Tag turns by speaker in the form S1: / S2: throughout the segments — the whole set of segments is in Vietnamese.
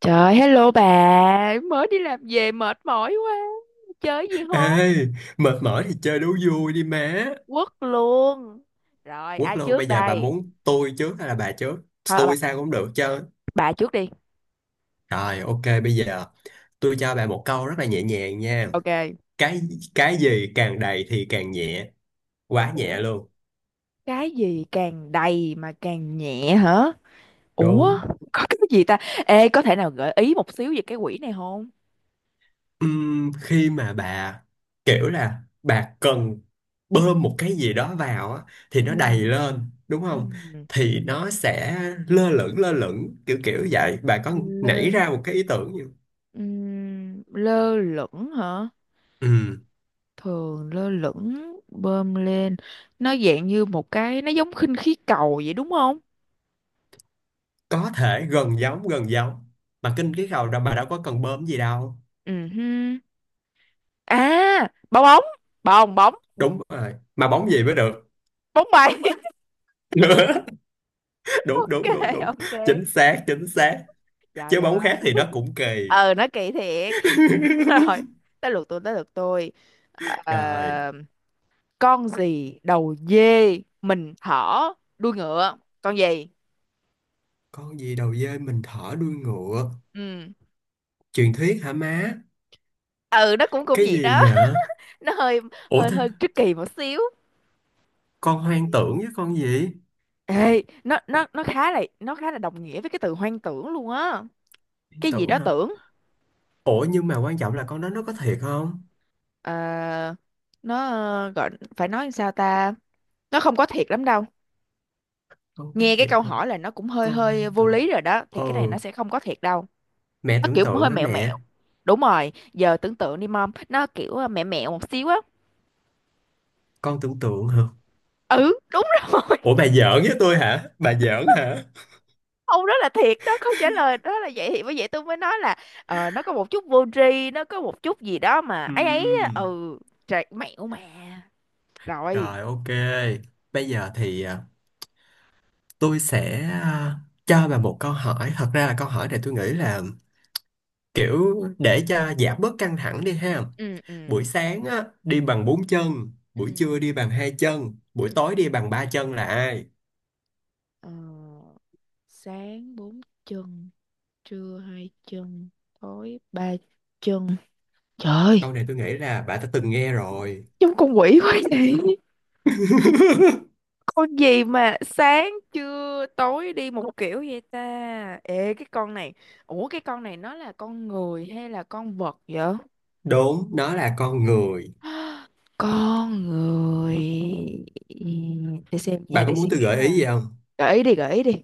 S1: Trời, hello bà, mới đi làm về mệt mỏi quá. Chơi gì không?
S2: Ê, mệt mỏi thì chơi đố vui đi má.
S1: Quất luôn. Rồi,
S2: Quất
S1: ai
S2: luôn, bây
S1: trước
S2: giờ bà
S1: đây?
S2: muốn tôi trước hay là bà trước?
S1: Thôi,
S2: Tôi sao cũng được chứ.
S1: bà trước đi.
S2: Rồi, ok, bây giờ tôi cho bà một câu rất là nhẹ nhàng nha.
S1: Ok.
S2: Cái cái gì càng đầy thì càng nhẹ, quá
S1: Ủa,
S2: nhẹ luôn.
S1: cái gì càng đầy mà càng nhẹ hả? Ủa,
S2: Đúng.
S1: có cái gì ta? Ê, có thể nào gợi ý một xíu về cái quỷ này không?
S2: Khi mà bà kiểu là bà cần bơm một cái gì đó vào á, thì nó đầy
S1: Ừm.
S2: lên, đúng không?
S1: Ừm.
S2: Thì nó sẽ lơ lửng kiểu kiểu vậy. Bà có
S1: Lơ,
S2: nảy ra một cái ý tưởng gì không?
S1: lơ lửng hả?
S2: Ừ.
S1: Thường lơ lửng bơm lên, nó dạng như một cái, nó giống khinh khí cầu vậy đúng không?
S2: Có thể gần giống mà kinh cái cầu đó mà đâu có cần bơm gì đâu.
S1: Ừ hư. À, bong bóng, bong bóng,
S2: Đúng rồi, mà bóng gì mới được?
S1: bóng bay.
S2: Đúng
S1: Ok,
S2: đúng đúng đúng,
S1: ok.
S2: chính xác chính xác.
S1: Trời
S2: Chứ bóng khác
S1: ơi.
S2: thì nó cũng kỳ.
S1: Ờ nó kỳ thiệt. Rồi, tới lượt tôi.
S2: Rồi,
S1: Ờ, con gì đầu dê mình thỏ đuôi ngựa, con gì?
S2: con gì đầu dê mình thở đuôi ngựa?
S1: Ừ.
S2: Truyền thuyết hả má?
S1: ừ nó cũng cũng
S2: Cái
S1: vậy đó.
S2: gì vậy?
S1: Nó hơi,
S2: Ủa
S1: hơi
S2: thế
S1: hơi tricky một xíu.
S2: con hoang tưởng với con gì?
S1: Ê, nó khá là đồng nghĩa với cái từ hoang tưởng luôn á.
S2: Hoang
S1: Cái gì
S2: tưởng
S1: đó
S2: hả?
S1: tưởng.
S2: Ủa nhưng mà quan trọng là con đó nó có thiệt không?
S1: Ờ, nó gọi, phải nói làm sao ta? Nó không có thiệt lắm đâu.
S2: Con có
S1: Nghe cái
S2: thiệt
S1: câu
S2: không?
S1: hỏi là nó cũng hơi
S2: Con hoang
S1: hơi vô
S2: tưởng.
S1: lý rồi đó, thì
S2: Ừ,
S1: cái này nó sẽ không có thiệt đâu.
S2: mẹ
S1: Nó
S2: tưởng
S1: kiểu
S2: tượng
S1: hơi
S2: hả
S1: mẹo
S2: mẹ?
S1: mẹo. Đúng rồi, giờ tưởng tượng đi mom, nó kiểu mẹo mẹo một xíu á.
S2: Con tưởng tượng hả?
S1: Ừ, đúng rồi.
S2: Ủa bà giỡn với tôi hả? Bà giỡn hả?
S1: Ông đó là thiệt đó, câu trả lời đó là vậy, thì bởi vậy tôi mới nói là nó có một chút vô tri, nó có một chút gì đó mà ấy ấy á.
S2: Ừm,
S1: Ừ, trời, mẹo mà. Rồi.
S2: rồi ok. Bây giờ thì tôi sẽ cho bà một câu hỏi. Thật ra là câu hỏi này tôi nghĩ là kiểu để cho giảm bớt căng thẳng đi ha.
S1: Ừ, ừ,
S2: Buổi sáng á, đi bằng bốn chân,
S1: ừ
S2: buổi trưa đi bằng hai chân,
S1: ừ.
S2: buổi tối đi bằng ba chân là ai?
S1: Ờ, Sáng bốn chân, trưa hai chân, tối ba chân. Trời,
S2: Câu này tôi nghĩ là bà đã từng nghe rồi.
S1: giống con quỷ quá vậy. Con gì mà sáng trưa tối đi một kiểu vậy ta? Ê, cái con này, ủa cái con này nó là con người hay là con vật vậy?
S2: Đúng, nó là con người.
S1: Con người. Ừ, để xem nha,
S2: Bà có
S1: để
S2: muốn
S1: suy
S2: tôi
S1: nghĩ
S2: gợi
S1: nè.
S2: ý gì?
S1: Gợi ý đi, gợi ý đi.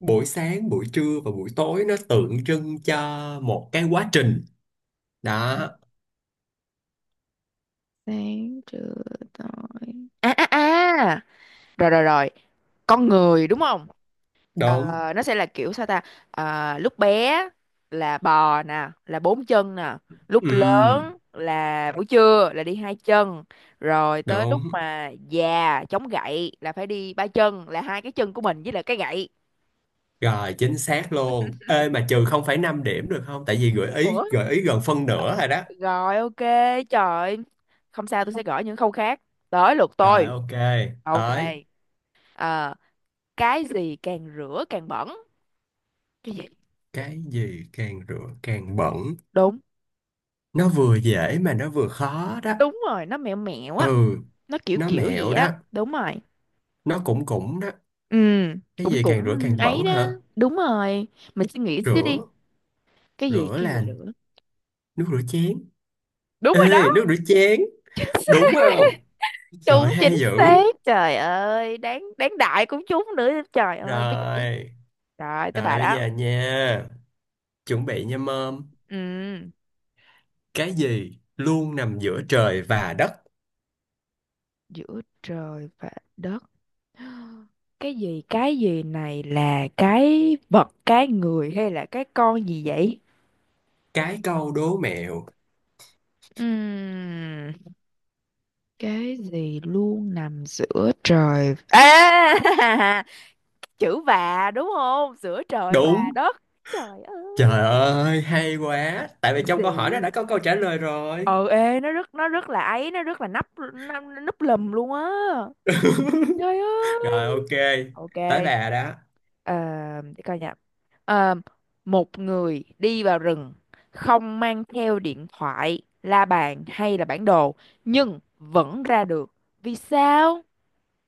S2: Buổi sáng buổi trưa và buổi tối nó tượng trưng cho một cái quá trình đó.
S1: Sáng trưa tối. À à à. Rồi rồi rồi. Con người đúng không? Ờ,
S2: Đúng.
S1: nó sẽ là kiểu sao ta. Lúc bé là bò nè, là bốn chân nè, lúc
S2: Ừm,
S1: lớn là buổi trưa là đi hai chân, rồi tới lúc
S2: đúng
S1: mà già chống gậy là phải đi ba chân, là hai cái chân của mình với lại cái gậy.
S2: rồi chính xác luôn. Ê mà trừ 0,5 điểm được không, tại vì gợi
S1: Ủa?
S2: ý gợi ý gần phân nửa rồi đó.
S1: Rồi, ok. Trời ơi. Không sao, tôi sẽ gõ những khâu khác. Tới lượt
S2: Rồi
S1: tôi.
S2: ok,
S1: Ok.
S2: tới
S1: Ờ, cái gì càng rửa càng bẩn? Cái gì?
S2: cái gì càng rửa càng bẩn.
S1: Đúng.
S2: Nó vừa dễ mà nó vừa khó đó.
S1: Đúng rồi, nó mẹo mẹo á.
S2: Ừ,
S1: Nó kiểu
S2: nó
S1: kiểu gì
S2: mẹo đó,
S1: á, đúng rồi.
S2: nó cũng cũng đó.
S1: Ừ,
S2: Cái
S1: cũng
S2: gì
S1: cũng
S2: càng rửa càng
S1: ấy
S2: bẩn
S1: đó.
S2: hả?
S1: Đúng rồi. Mình suy nghĩ xíu
S2: rửa
S1: đi.
S2: rửa
S1: Cái gì
S2: là
S1: nữa?
S2: nước rửa chén.
S1: Đúng rồi đó,
S2: Ê nước rửa chén đúng không? Giỏi
S1: đúng
S2: hay
S1: chính
S2: dữ.
S1: xác. Trời ơi, đáng đáng đại cũng trúng nữa. Trời ơi, mới giữ.
S2: Rồi,
S1: Rồi, tới
S2: rồi
S1: bà
S2: bây
S1: đó.
S2: giờ nha. Chuẩn bị nha mom.
S1: Ừ,
S2: Cái gì luôn nằm giữa trời và đất?
S1: giữa trời và đất. Cái gì này là cái vật, cái người hay là cái con gì vậy?
S2: Cái câu đố mẹo.
S1: Ừm, cái gì luôn nằm giữa trời? À! Chữ "và", đúng không? Giữa trời và
S2: Đúng.
S1: đất. Trời
S2: Trời
S1: ơi.
S2: ơi, hay quá. Tại vì trong câu hỏi nó đã
S1: Easy.
S2: có câu trả lời rồi.
S1: Ờ ê Nó rất, nó rất là ấy nó rất là nắp, nó núp lùm luôn á. Trời
S2: Rồi
S1: ơi.
S2: ok,
S1: Ok.
S2: tới bà đó.
S1: ờ, để coi nha. Ờ, Một người đi vào rừng, không mang theo điện thoại, la bàn hay là bản đồ, nhưng vẫn ra được, vì sao?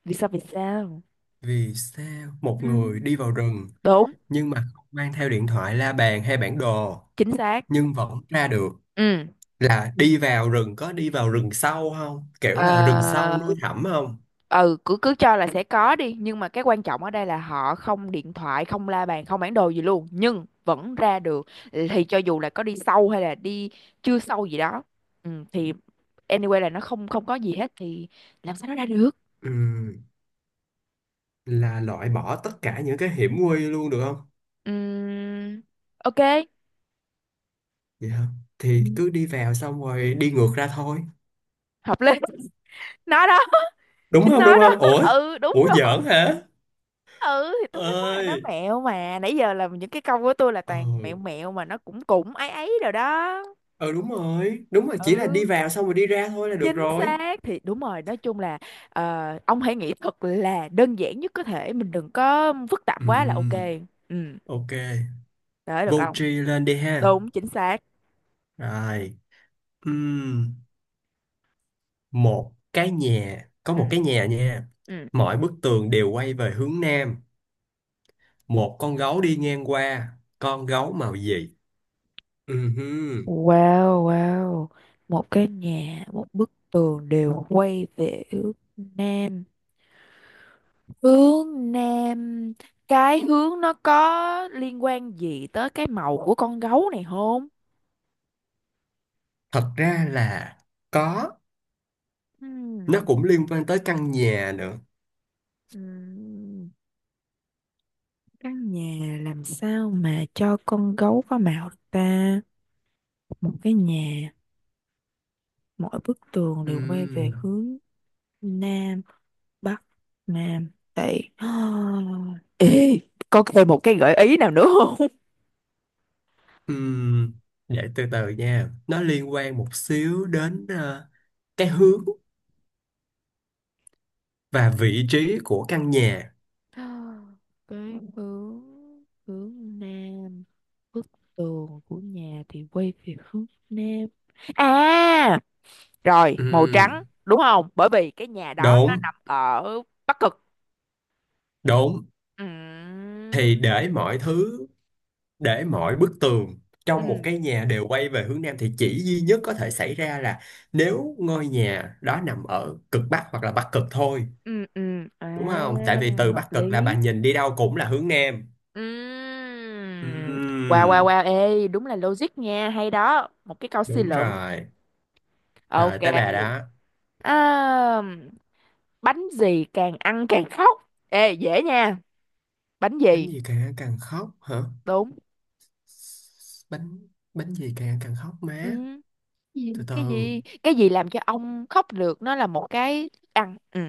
S1: Vì sao?
S2: Vì sao một
S1: Ừ,
S2: người đi vào rừng
S1: đúng
S2: nhưng mà không mang theo điện thoại, la bàn hay bản đồ
S1: chính xác.
S2: nhưng vẫn ra được?
S1: Ừ.
S2: Là đi vào rừng, có đi vào rừng sâu không? Kiểu là rừng sâu
S1: ờ,
S2: núi thẳm không?
S1: ừ, cứ cứ cho là sẽ có đi, nhưng mà cái quan trọng ở đây là họ không điện thoại, không la bàn, không bản đồ gì luôn, nhưng vẫn ra được. Thì cho dù là có đi sâu hay là đi chưa sâu gì đó, ừ, thì anyway là nó không không có gì hết, thì làm sao nó ra được?
S2: Ừm, là loại bỏ tất cả những cái hiểm nguy luôn được không?
S1: Ừm, ok.
S2: Vậy hả? Thì
S1: Ừ,
S2: cứ đi vào xong rồi đi ngược ra thôi.
S1: hợp lý. Nó đó.
S2: Đúng
S1: Chính
S2: không? Đúng
S1: nó đó.
S2: không? Ủa?
S1: Ừ, đúng
S2: Ủa
S1: rồi.
S2: giỡn hả?
S1: Ừ, thì tôi mới nói là nó
S2: Ơi.
S1: mẹo mà, nãy giờ là những cái câu của tôi là
S2: Ờ.
S1: toàn mẹo mẹo, mà nó cũng cũng ấy ấy rồi đó.
S2: Ờ đúng rồi. Đúng rồi, chỉ là
S1: Ừ,
S2: đi vào xong rồi đi ra thôi là được
S1: chính
S2: rồi.
S1: xác thì đúng rồi, nói chung là ông hãy nghĩ thật là đơn giản nhất có thể, mình đừng có phức tạp quá là ok.
S2: Ừm,
S1: Ừ.
S2: ok.
S1: Để được
S2: Vô
S1: ông.
S2: tri lên đi ha.
S1: Đúng chính xác.
S2: Rồi. Ừm, một cái nhà, có
S1: Ừ.
S2: một cái nhà nha.
S1: Ừ.
S2: Mọi bức tường đều quay về hướng nam. Một con gấu đi ngang qua. Con gấu màu gì? Ừhưm.
S1: Wow, wow. Một cái nhà, một bức tường đều quay về hướng Nam. Hướng nam, cái hướng nó có liên quan gì tới cái màu của con gấu này không?
S2: Thật ra là có, nó
S1: Ừm,
S2: cũng liên quan tới căn nhà nữa.
S1: Căn nhà làm sao mà cho con gấu có mạo được ta? Một cái nhà, mỗi bức tường đều quay về
S2: Ừm.
S1: hướng nam, bắc, nam, tây. Ê, có thêm một cái gợi ý nào nữa không?
S2: Ừm. Để từ từ nha, nó liên quan một xíu đến cái hướng và vị trí của căn nhà.
S1: Cái hướng, hướng nam, bức tường của nhà thì quay về hướng nam. À, rồi, màu trắng,
S2: Ừm.
S1: đúng không? Bởi vì cái nhà đó nó
S2: Đúng,
S1: nằm ở Bắc Cực.
S2: đúng.
S1: Ừ.
S2: Thì để mọi thứ, để mọi bức tường trong một
S1: Ừ.
S2: cái nhà đều quay về hướng nam thì chỉ duy nhất có thể xảy ra là nếu ngôi nhà đó nằm ở cực bắc hoặc là bắc cực thôi.
S1: ừ ừ À,
S2: Đúng không, tại vì từ
S1: hợp
S2: Bắc Cực là bà
S1: lý.
S2: nhìn đi đâu cũng là hướng Nam.
S1: Ừm. Wow, wow,
S2: Ừm,
S1: wow, ê, đúng là logic nha, hay đó, một cái câu suy
S2: đúng
S1: luận.
S2: rồi, rồi
S1: Ok.
S2: tới bà đó.
S1: À, bánh gì càng ăn càng khóc? Ê dễ nha. Bánh
S2: Bánh
S1: gì?
S2: gì càng ăn càng khóc hả?
S1: Đúng.
S2: Bánh bánh gì càng ăn càng khóc
S1: Ừ.
S2: má?
S1: Cái gì
S2: Từ
S1: cái
S2: từ,
S1: gì cái gì làm cho ông khóc được, nó là một cái thức ăn. Ừ.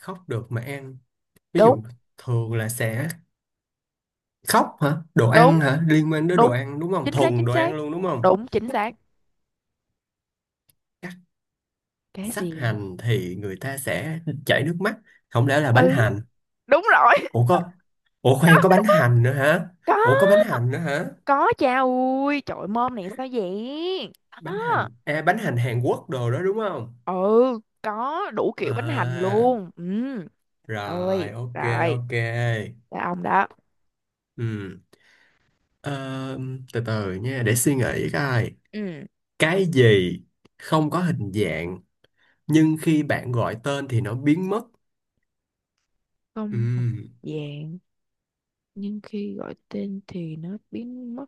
S2: khóc được mà ăn, ví
S1: Đúng.
S2: dụ thường là sẽ khóc hả, đồ ăn
S1: đúng
S2: hả, liên quan đến đồ
S1: đúng
S2: ăn đúng không,
S1: chính xác.
S2: thuần
S1: chính
S2: đồ ăn
S1: xác
S2: luôn đúng không?
S1: Đúng chính xác.
S2: Cắt
S1: Cái
S2: sắc
S1: gì?
S2: hành thì người ta sẽ chảy nước mắt, không lẽ là bánh
S1: Ừ,
S2: hành?
S1: đúng rồi.
S2: Ủa có, ủa khoan, có bánh hành nữa hả?
S1: Có.
S2: Ủa có bánh hành nữa hả?
S1: Có cha ui, trời ơi, mom này sao vậy?
S2: Bánh
S1: Đó.
S2: hành à, bánh hành Hàn Quốc đồ đó đúng không?
S1: Ừ, có đủ kiểu bánh hành
S2: À,
S1: luôn. Ừ,
S2: rồi
S1: ơi,
S2: ok,
S1: rồi,
S2: ok.
S1: là ông đó.
S2: Ừ. Ờ, từ từ nha để suy nghĩ coi,
S1: Ừ,
S2: cái gì không có hình dạng nhưng khi bạn gọi tên thì nó biến mất? Ừ.
S1: không hình dạng, nhưng khi gọi tên thì nó biến mất.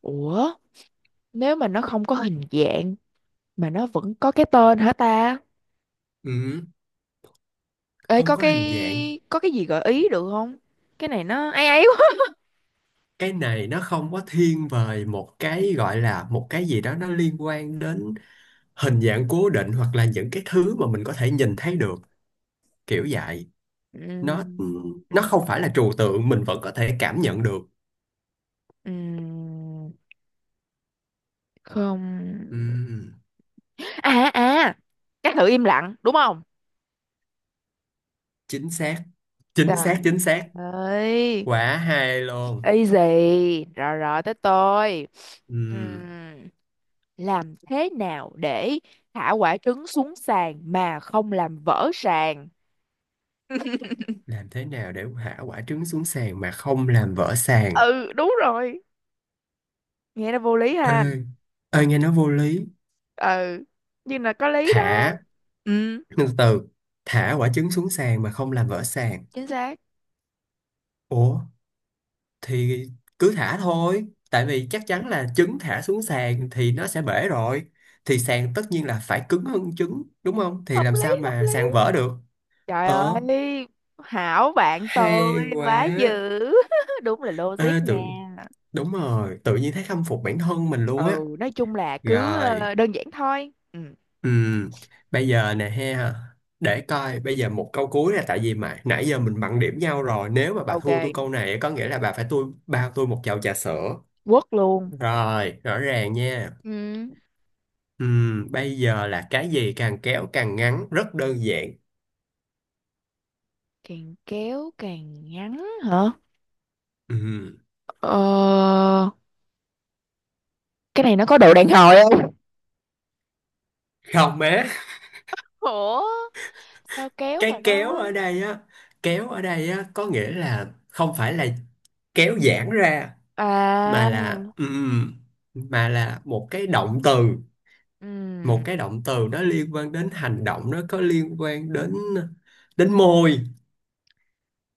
S1: Ủa, nếu mà nó không có hình dạng mà nó vẫn có cái tên hả ta?
S2: Ừ.
S1: Ê,
S2: Không
S1: có
S2: có hình dạng.
S1: cái gì gợi ý được không? Cái này nó ấy ấy quá.
S2: Cái này nó không có thiên về một cái gọi là một cái gì đó, nó liên quan đến hình dạng cố định hoặc là những cái thứ mà mình có thể nhìn thấy được kiểu vậy.
S1: Ừ.
S2: nó nó không phải là trừu tượng, mình vẫn có thể cảm nhận được.
S1: ừ, Không.
S2: Ừm,
S1: À à, các tự im lặng đúng không?
S2: chính xác chính xác
S1: Trời
S2: chính xác.
S1: ơi.
S2: Quả hay luôn.
S1: Easy rồi, rồi, tới tôi.
S2: Ừm,
S1: Ừm, làm thế nào để thả quả trứng xuống sàn mà không làm vỡ sàn?
S2: làm thế nào để thả quả trứng xuống sàn mà không làm vỡ sàn?
S1: Ừ, đúng rồi. Nghe nó vô lý
S2: Ê,
S1: ha.
S2: ê nghe nó vô lý.
S1: Ừ, nhưng là có lý đó.
S2: Thả
S1: Ừ.
S2: từ từ, thả quả trứng xuống sàn mà không làm vỡ sàn?
S1: Chính xác.
S2: Ủa thì cứ thả thôi, tại vì chắc chắn là trứng thả xuống sàn thì nó sẽ bể rồi, thì sàn tất nhiên là phải cứng hơn trứng đúng không, thì
S1: Hợp
S2: làm sao
S1: lý, hợp
S2: mà sàn
S1: lý.
S2: vỡ được?
S1: Trời
S2: Ờ,
S1: ơi, hảo bạn tôi
S2: hay
S1: quá dữ.
S2: quá.
S1: Đúng là logic
S2: À,
S1: nha.
S2: tự đúng rồi, tự nhiên thấy khâm phục bản thân mình luôn á.
S1: Ừ, nói chung là cứ
S2: Rồi,
S1: đơn giản thôi. Ừ.
S2: ừm, bây giờ nè ha, để coi, bây giờ một câu cuối nè, tại vì mà nãy giờ mình bằng điểm nhau rồi, nếu mà bà
S1: Ok,
S2: thua tôi câu này có nghĩa là bà phải tôi bao tôi một chầu trà sữa.
S1: quất luôn.
S2: Rồi, rõ ràng nha.
S1: Ừ,
S2: Bây giờ là cái gì càng kéo càng ngắn, rất đơn giản.
S1: càng kéo càng ngắn hả?
S2: Ừm,
S1: ờ cái này nó có độ đàn hồi không?
S2: không má,
S1: Ủa, sao kéo mà
S2: cái kéo
S1: nó.
S2: ở đây á, kéo ở đây á có nghĩa là không phải là kéo giãn ra mà là
S1: À.
S2: ừm, mà là một cái động từ, một
S1: Ừm,
S2: cái động từ nó liên quan đến hành động, nó có liên quan đến đến môi.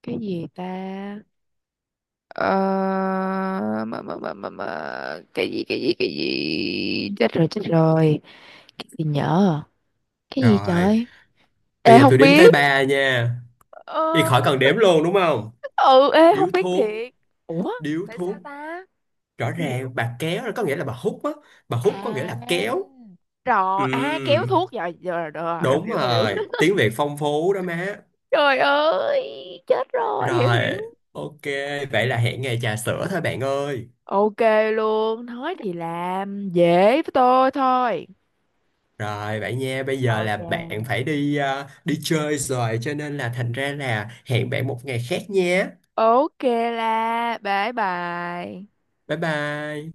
S1: cái gì ta? ờ mà. Cái gì, cái gì? Chết rồi, chết rồi. Cái gì nhở? Cái gì,
S2: Rồi
S1: trời.
S2: bây giờ tôi
S1: Không
S2: đếm tới
S1: biết.
S2: ba nha. Đi
S1: Ờ
S2: khỏi cần đếm luôn đúng không?
S1: ừ ê Không
S2: Điếu
S1: biết
S2: thuốc.
S1: thiệt. Ủa,
S2: Điếu
S1: tại sao
S2: thuốc.
S1: ta?
S2: Rõ
S1: Không hiểu.
S2: ràng bà kéo là có nghĩa là bà hút á, bà
S1: À,
S2: hút có nghĩa là kéo.
S1: rồi, à, kéo
S2: Ừm,
S1: thuốc, rồi,
S2: đúng
S1: hiểu,
S2: rồi, tiếng Việt phong phú đó má.
S1: trời ơi, chết rồi, hiểu, hiểu.
S2: Rồi ok, vậy là hẹn ngày trà sữa thôi bạn ơi.
S1: Ok. Luôn nói thì làm dễ với tôi thôi.
S2: Rồi bạn nha, bây giờ là bạn
S1: Ok.
S2: phải đi đi chơi rồi cho nên là thành ra là hẹn bạn một ngày khác nha.
S1: Ok, là bye bye.
S2: Bye bye.